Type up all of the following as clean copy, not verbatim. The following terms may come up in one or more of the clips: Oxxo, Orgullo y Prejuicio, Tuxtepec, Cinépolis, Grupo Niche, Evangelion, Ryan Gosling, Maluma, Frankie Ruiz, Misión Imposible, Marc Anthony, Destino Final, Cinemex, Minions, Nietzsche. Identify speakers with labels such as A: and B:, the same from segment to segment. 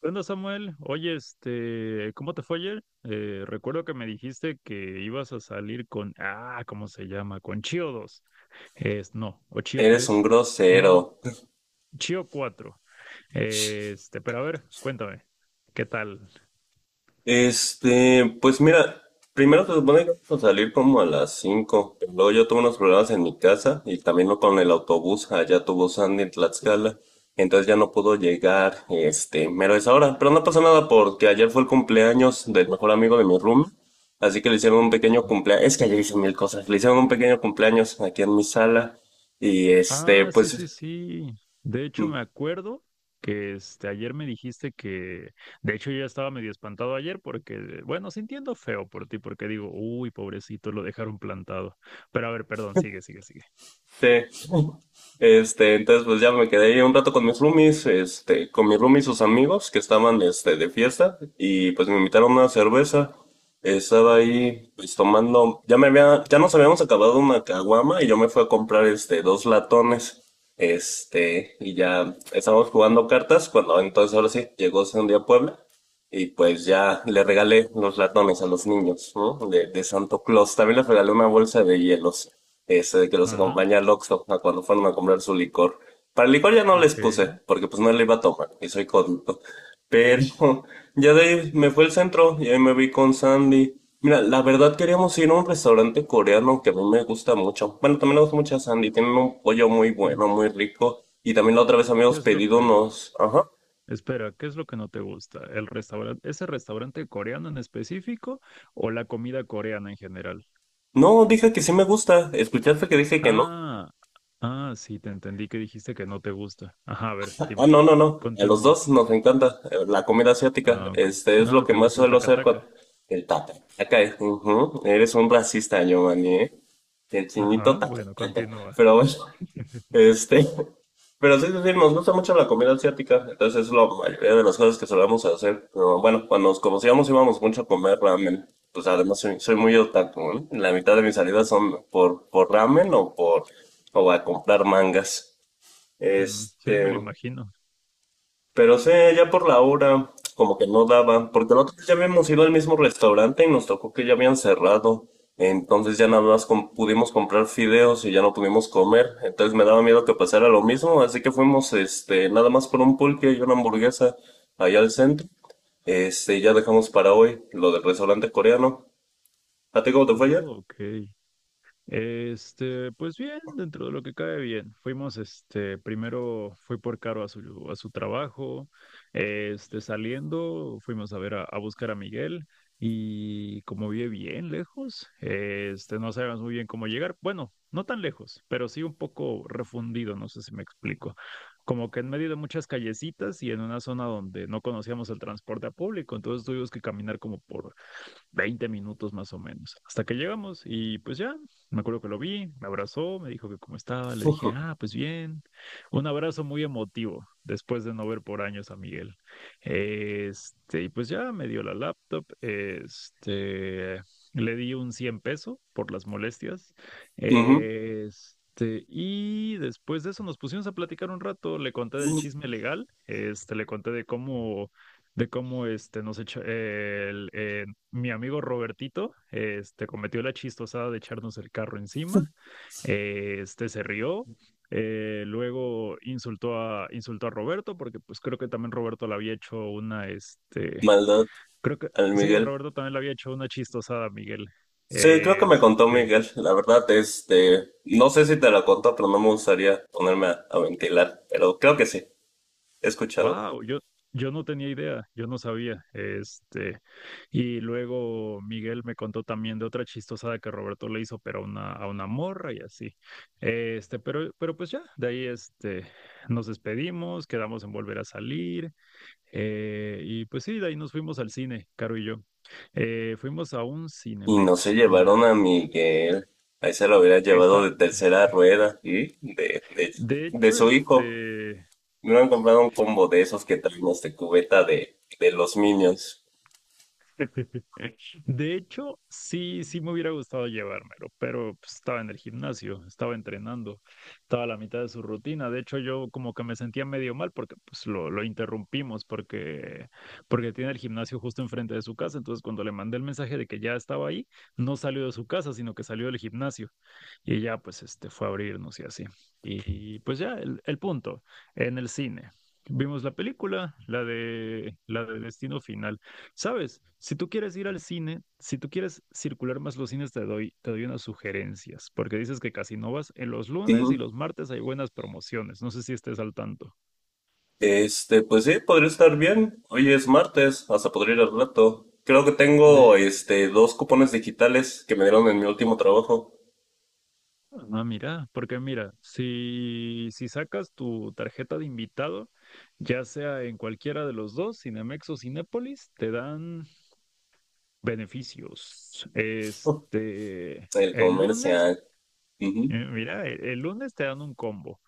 A: ¿Qué onda, Samuel? Oye, este, ¿cómo te fue ayer? Recuerdo que me dijiste que ibas a salir con, ah, ¿cómo se llama? Con Chio dos. Es, no, o Chio
B: Eres un
A: tres. No,
B: grosero.
A: Chio cuatro. Este, pero a ver, cuéntame, ¿qué tal?
B: Pues mira, primero se supone que vamos a salir como a las 5 pero luego yo tuve unos problemas en mi casa y también no con el autobús, allá tuvo Sandy en Tlaxcala, entonces ya no pudo llegar, mero es ahora, pero no pasa nada porque ayer fue el cumpleaños del mejor amigo de mi room, así que le hicieron un pequeño cumpleaños, es que ayer hice mil cosas, le hicieron un pequeño cumpleaños aquí en mi sala y
A: Ah, sí, sí,
B: pues,
A: sí. De hecho,
B: mm,
A: me acuerdo que este, ayer me dijiste que, de hecho, yo ya estaba medio espantado ayer porque, bueno, sintiendo feo por ti, porque digo, uy, pobrecito, lo dejaron plantado. Pero a ver, perdón, sigue, sigue, sigue.
B: sí. Entonces pues ya me quedé ahí un rato con mis roomies, con mis roomies sus amigos que estaban, de fiesta y pues me invitaron a una cerveza. Estaba ahí, pues tomando, ya nos habíamos acabado una caguama y yo me fui a comprar, dos latones, y ya estábamos jugando cartas cuando entonces ahora sí llegó Sandy a Puebla y pues ya le regalé los latones a los niños, ¿no? De Santo Claus. También les regalé una bolsa de hielos. Ese de que los acompaña al Oxxo a cuando fueron a comprar su licor. Para el licor ya no les puse,
A: Ok.
B: porque pues no le iba a tomar, y soy cómico. Pero ya de ahí me fui al centro y ahí me vi con Sandy. Mira, la verdad queríamos ir a un restaurante coreano que a mí me gusta mucho. Bueno, también me gusta mucho a Sandy. Tienen un pollo muy
A: Pues,
B: bueno, muy rico. Y también la otra vez
A: ¿qué
B: habíamos
A: es lo
B: pedido
A: que,
B: unos. Ajá.
A: espera, qué es lo que no te gusta? ¿El restaurante, ese restaurante coreano en específico o la comida coreana en general?
B: No, dije que sí me gusta. ¿Escuchaste que dije que no?
A: Ah, ah, sí, te entendí que dijiste que no te gusta. Ajá, a ver,
B: Ah,
A: dime.
B: no, no, no. A los
A: Continúa.
B: dos nos encanta la comida asiática.
A: Ah, ok.
B: Este es lo
A: Ah,
B: que
A: ¿te
B: más
A: gusta el
B: suelo
A: taca...
B: hacer con el tata. Acá, ujú. Eres un racista, Giovanni, ¿eh? El
A: Ajá,
B: chinito tata,
A: bueno,
B: tata.
A: continúa.
B: Pero bueno, este. Pero sí, sí, sí, nos gusta mucho la comida asiática. Entonces es la mayoría de las cosas que solemos hacer. Pero bueno, cuando nos conocíamos íbamos mucho a comer ramen. Pues además soy muy otaku, ¿no? La mitad de mis salidas son por ramen o a comprar mangas.
A: Mm, sí, me
B: Este.
A: lo imagino.
B: Pero sí, ya por la hora, como que no daba, porque la otra vez ya habíamos ido al mismo restaurante y nos tocó que ya habían cerrado. Entonces ya nada más pudimos comprar fideos y ya no pudimos comer. Entonces me daba miedo que pasara lo mismo, así que fuimos, nada más por un pulque y una hamburguesa allá al centro. Y ya dejamos para hoy lo del restaurante coreano. ¿A ti cómo te fue ayer?
A: Oh, ok. Este, pues bien, dentro de lo que cae bien. Fuimos, este, primero fui por Caro a su trabajo. Este, saliendo, fuimos a ver a buscar a Miguel, y como vive bien lejos, este, no sabíamos muy bien cómo llegar. Bueno, no tan lejos, pero sí un poco refundido, no sé si me explico. Como que en medio de muchas callecitas y en una zona donde no conocíamos el transporte público, entonces tuvimos que caminar como por 20 minutos más o menos, hasta que llegamos y pues ya, me acuerdo que lo vi, me abrazó, me dijo que cómo estaba, le dije, ah, pues bien, un abrazo muy emotivo después de no ver por años a Miguel. Este, y pues ya me dio la laptop. Este, le di un 100 pesos por las molestias.
B: Ujú,
A: Este, este, y después de eso nos pusimos a platicar un rato, le conté del chisme legal. Este, le conté de cómo este, nos echa, mi amigo Robertito este, cometió la chistosada de echarnos el carro encima. Este se rió. Luego insultó a Roberto, porque pues creo que también Roberto le había hecho una, este,
B: maldad,
A: creo que,
B: al
A: sí,
B: Miguel.
A: Roberto también le había hecho una chistosada a Miguel.
B: Sí, creo que me contó
A: Este,
B: Miguel. La verdad, no sé si te la contó, pero no me gustaría ponerme a ventilar. Pero creo que sí, he escuchado.
A: wow, yo no tenía idea, yo no sabía. Este, y luego Miguel me contó también de otra chistosada que Roberto le hizo, pero a una morra y así. Este, pero pues ya, de ahí este, nos despedimos, quedamos en volver a salir. Y pues sí, de ahí nos fuimos al cine, Caro y yo. Fuimos a un
B: Y no se
A: Cinemex y
B: llevaron
A: ya
B: a
A: fue.
B: Miguel. Ahí se lo hubiera llevado
A: Está,
B: de tercera rueda y de, de,
A: de
B: de
A: hecho,
B: su hijo.
A: este.
B: Me hubieran comprado un combo de esos que traen cubeta de los Minions.
A: De hecho, sí, sí me hubiera gustado llevármelo, pero pues, estaba en el gimnasio, estaba entrenando, estaba a la mitad de su rutina. De hecho, yo como que me sentía medio mal porque pues lo interrumpimos porque tiene el gimnasio justo enfrente de su casa. Entonces, cuando le mandé el mensaje de que ya estaba ahí, no salió de su casa, sino que salió del gimnasio. Y ya pues este fue a abrirnos y así. Y, pues ya, el punto, en el cine. Vimos la película, la de Destino Final. ¿Sabes? Si tú quieres ir al cine, si tú quieres circular más los cines, te doy unas sugerencias, porque dices que casi no vas. En los lunes y
B: Ujú.
A: los martes hay buenas promociones. No sé si estés al tanto.
B: Pues sí, podría estar bien. Hoy es martes, hasta podría ir al rato. Creo que tengo,
A: De,
B: dos cupones digitales que me dieron en mi último trabajo.
A: ah, mira, porque mira, si sacas tu tarjeta de invitado, ya sea en cualquiera de los dos, Cinemex o Cinépolis, te dan beneficios. Este,
B: El
A: el lunes...
B: comercial.
A: Mira, el lunes te dan un combo,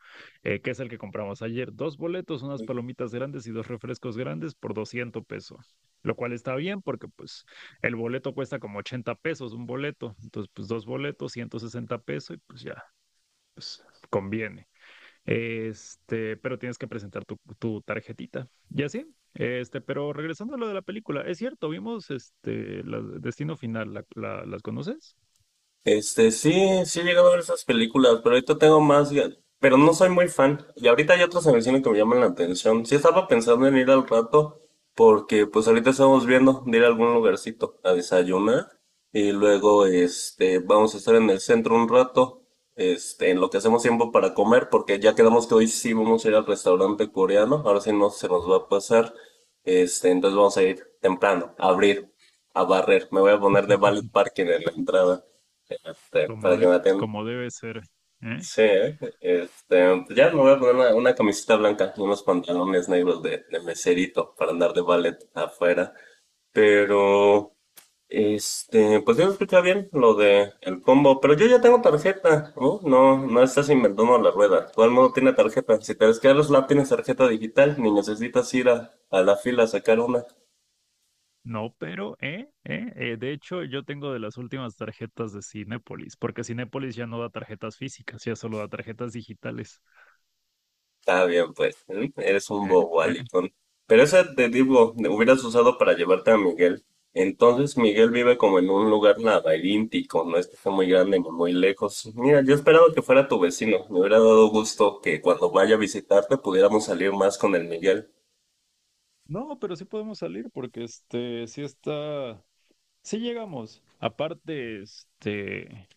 A: que es el que compramos ayer. Dos boletos, unas
B: Ujú.
A: palomitas grandes y dos refrescos grandes por 200 pesos. Lo cual está bien porque pues el boleto cuesta como 80 pesos un boleto. Entonces pues dos boletos, 160 pesos y pues ya, pues conviene. Este, pero tienes que presentar tu tarjetita. Y así, este, pero regresando a lo de la película, es cierto, vimos este, la- Destino Final, la- ¿las conoces?
B: Sí, sí he llegado a ver esas películas, pero ahorita tengo más, pero no soy muy fan. Y ahorita hay otras en el cine que me llaman la atención. Sí estaba pensando en ir al rato, porque pues ahorita estamos viendo de ir a algún lugarcito a desayunar. Y luego, vamos a estar en el centro un rato, en lo que hacemos tiempo para comer, porque ya quedamos que hoy sí vamos a ir al restaurante coreano. Ahora sí no se nos va a pasar. Entonces vamos a ir temprano, a abrir, a barrer. Me voy a poner de valet parking en la entrada.
A: Como,
B: Para que
A: de,
B: maten.
A: como debe ser. ¿Eh?
B: Sí, ¿eh? Pues ya me voy a poner una camiseta blanca y unos pantalones negros de meserito para andar de ballet afuera. Pero, pues yo escuché bien lo de el combo, pero yo ya tengo tarjeta, ¿no? No, no estás inventando la rueda. Todo el mundo tiene tarjeta. Si te ves que a los lab tienes tarjeta digital, ni necesitas ir a la fila a sacar una.
A: No, pero, ¿eh? ¿Eh? De hecho, yo tengo de las últimas tarjetas de Cinépolis, porque Cinépolis ya no da tarjetas físicas, ya solo da tarjetas digitales.
B: Está bien, pues. ¿Eh? Eres un
A: ¿Eh?
B: bobo,
A: ¿Eh?
B: Alicón. Pero ese te digo, hubieras usado para llevarte a Miguel. Entonces Miguel vive como en un lugar laberíntico, no es que esté muy grande ni muy lejos. Mira, yo esperaba que fuera tu vecino. Me hubiera dado gusto que cuando vaya a visitarte pudiéramos salir más con el Miguel.
A: No, pero sí podemos salir, porque este, sí está, sí llegamos. Aparte, este,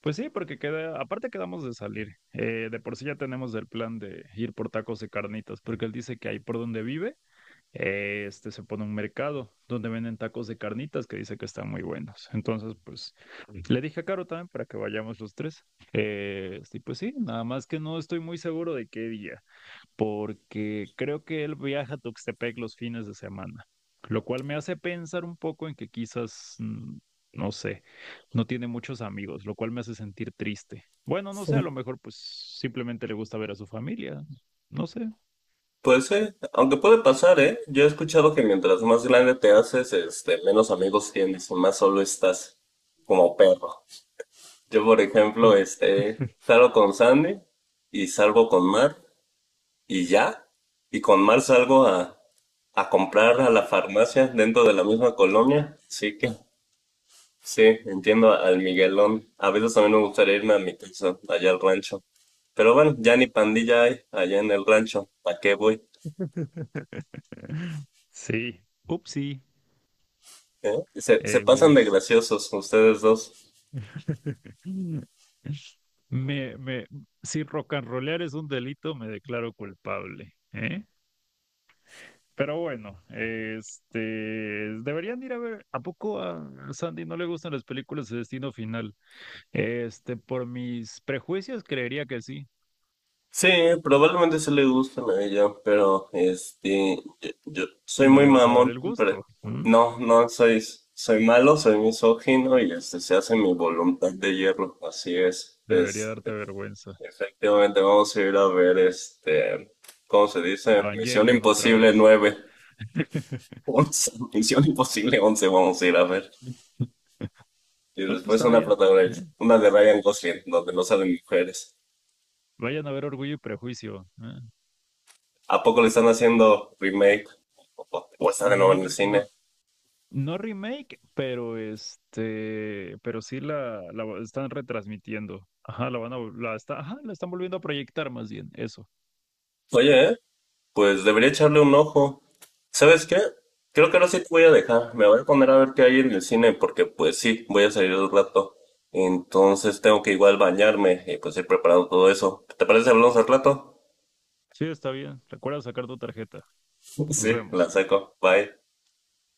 A: pues sí, porque queda, aparte quedamos de salir. De por sí ya tenemos el plan de ir por tacos y carnitas, porque él dice que ahí por donde vive este, se pone un mercado donde venden tacos de carnitas que dice que están muy buenos. Entonces, pues le dije a Caro también para que vayamos los tres. Este, y pues sí, nada más que no estoy muy seguro de qué día, porque creo que él viaja a Tuxtepec los fines de semana, lo cual me hace pensar un poco en que quizás, no sé, no tiene muchos amigos, lo cual me hace sentir triste. Bueno, no sé, a lo
B: Sí.
A: mejor pues simplemente le gusta ver a su familia, no sé.
B: Pues sí, aunque puede pasar, ¿eh? Yo he escuchado que mientras más grande te haces, menos amigos tienes y más solo estás como perro. Yo, por ejemplo, salgo con Sandy y salgo con Mar y ya. Y con Mar salgo a comprar a la farmacia dentro de la misma colonia. Así que sí, entiendo al Miguelón. A veces también me gustaría irme a mi casa, allá al rancho. Pero bueno, ya ni pandilla hay allá en el rancho. ¿Para qué voy?
A: Sí, upsí.
B: ¿Eh? Se pasan de
A: Es...
B: graciosos ustedes dos.
A: Me, me, si rock and rollear es un delito, me declaro culpable, ¿eh? Pero bueno, este, deberían ir a ver, ¿a poco a Sandy no le gustan las películas de Destino Final? Este, por mis prejuicios creería que sí,
B: Sí, probablemente se le gustan a ella, pero yo
A: y
B: soy
A: no
B: muy
A: le vas a dar
B: mamón,
A: el
B: pero
A: gusto, ¿m?
B: no, no soy, malo, soy misógino y se hace mi voluntad de hierro, así es.
A: Debería darte vergüenza.
B: Efectivamente vamos a ir a ver ¿cómo se dice? Misión
A: Evangelion otra
B: Imposible
A: vez.
B: nueve, 11, Misión Imposible 11, vamos a ir a ver. Y
A: No, pues
B: después
A: está
B: una
A: bien,
B: protagonista,
A: ¿eh?
B: una de Ryan Gosling, donde no salen mujeres.
A: Vayan a ver Orgullo y Prejuicio. ¿Eh?
B: ¿A poco le están haciendo remake? ¿O o está de nuevo
A: No,
B: en el
A: re-
B: cine?
A: no, no remake, pero este, pero sí la va- están retransmitiendo. Ajá, la van a, vol- la está, ajá, la están volviendo a proyectar más bien, eso.
B: Oye, ¿eh? Pues debería echarle un ojo. ¿Sabes qué? Creo que ahora sí te voy a dejar. Me voy a poner a ver qué hay en el cine porque pues sí, voy a salir un rato. Entonces tengo que igual bañarme y pues ir preparando todo eso. ¿Te parece si hablamos al rato?
A: Sí, está bien. Recuerda sacar tu tarjeta. Nos
B: Sí, la
A: vemos.
B: saco. Bye.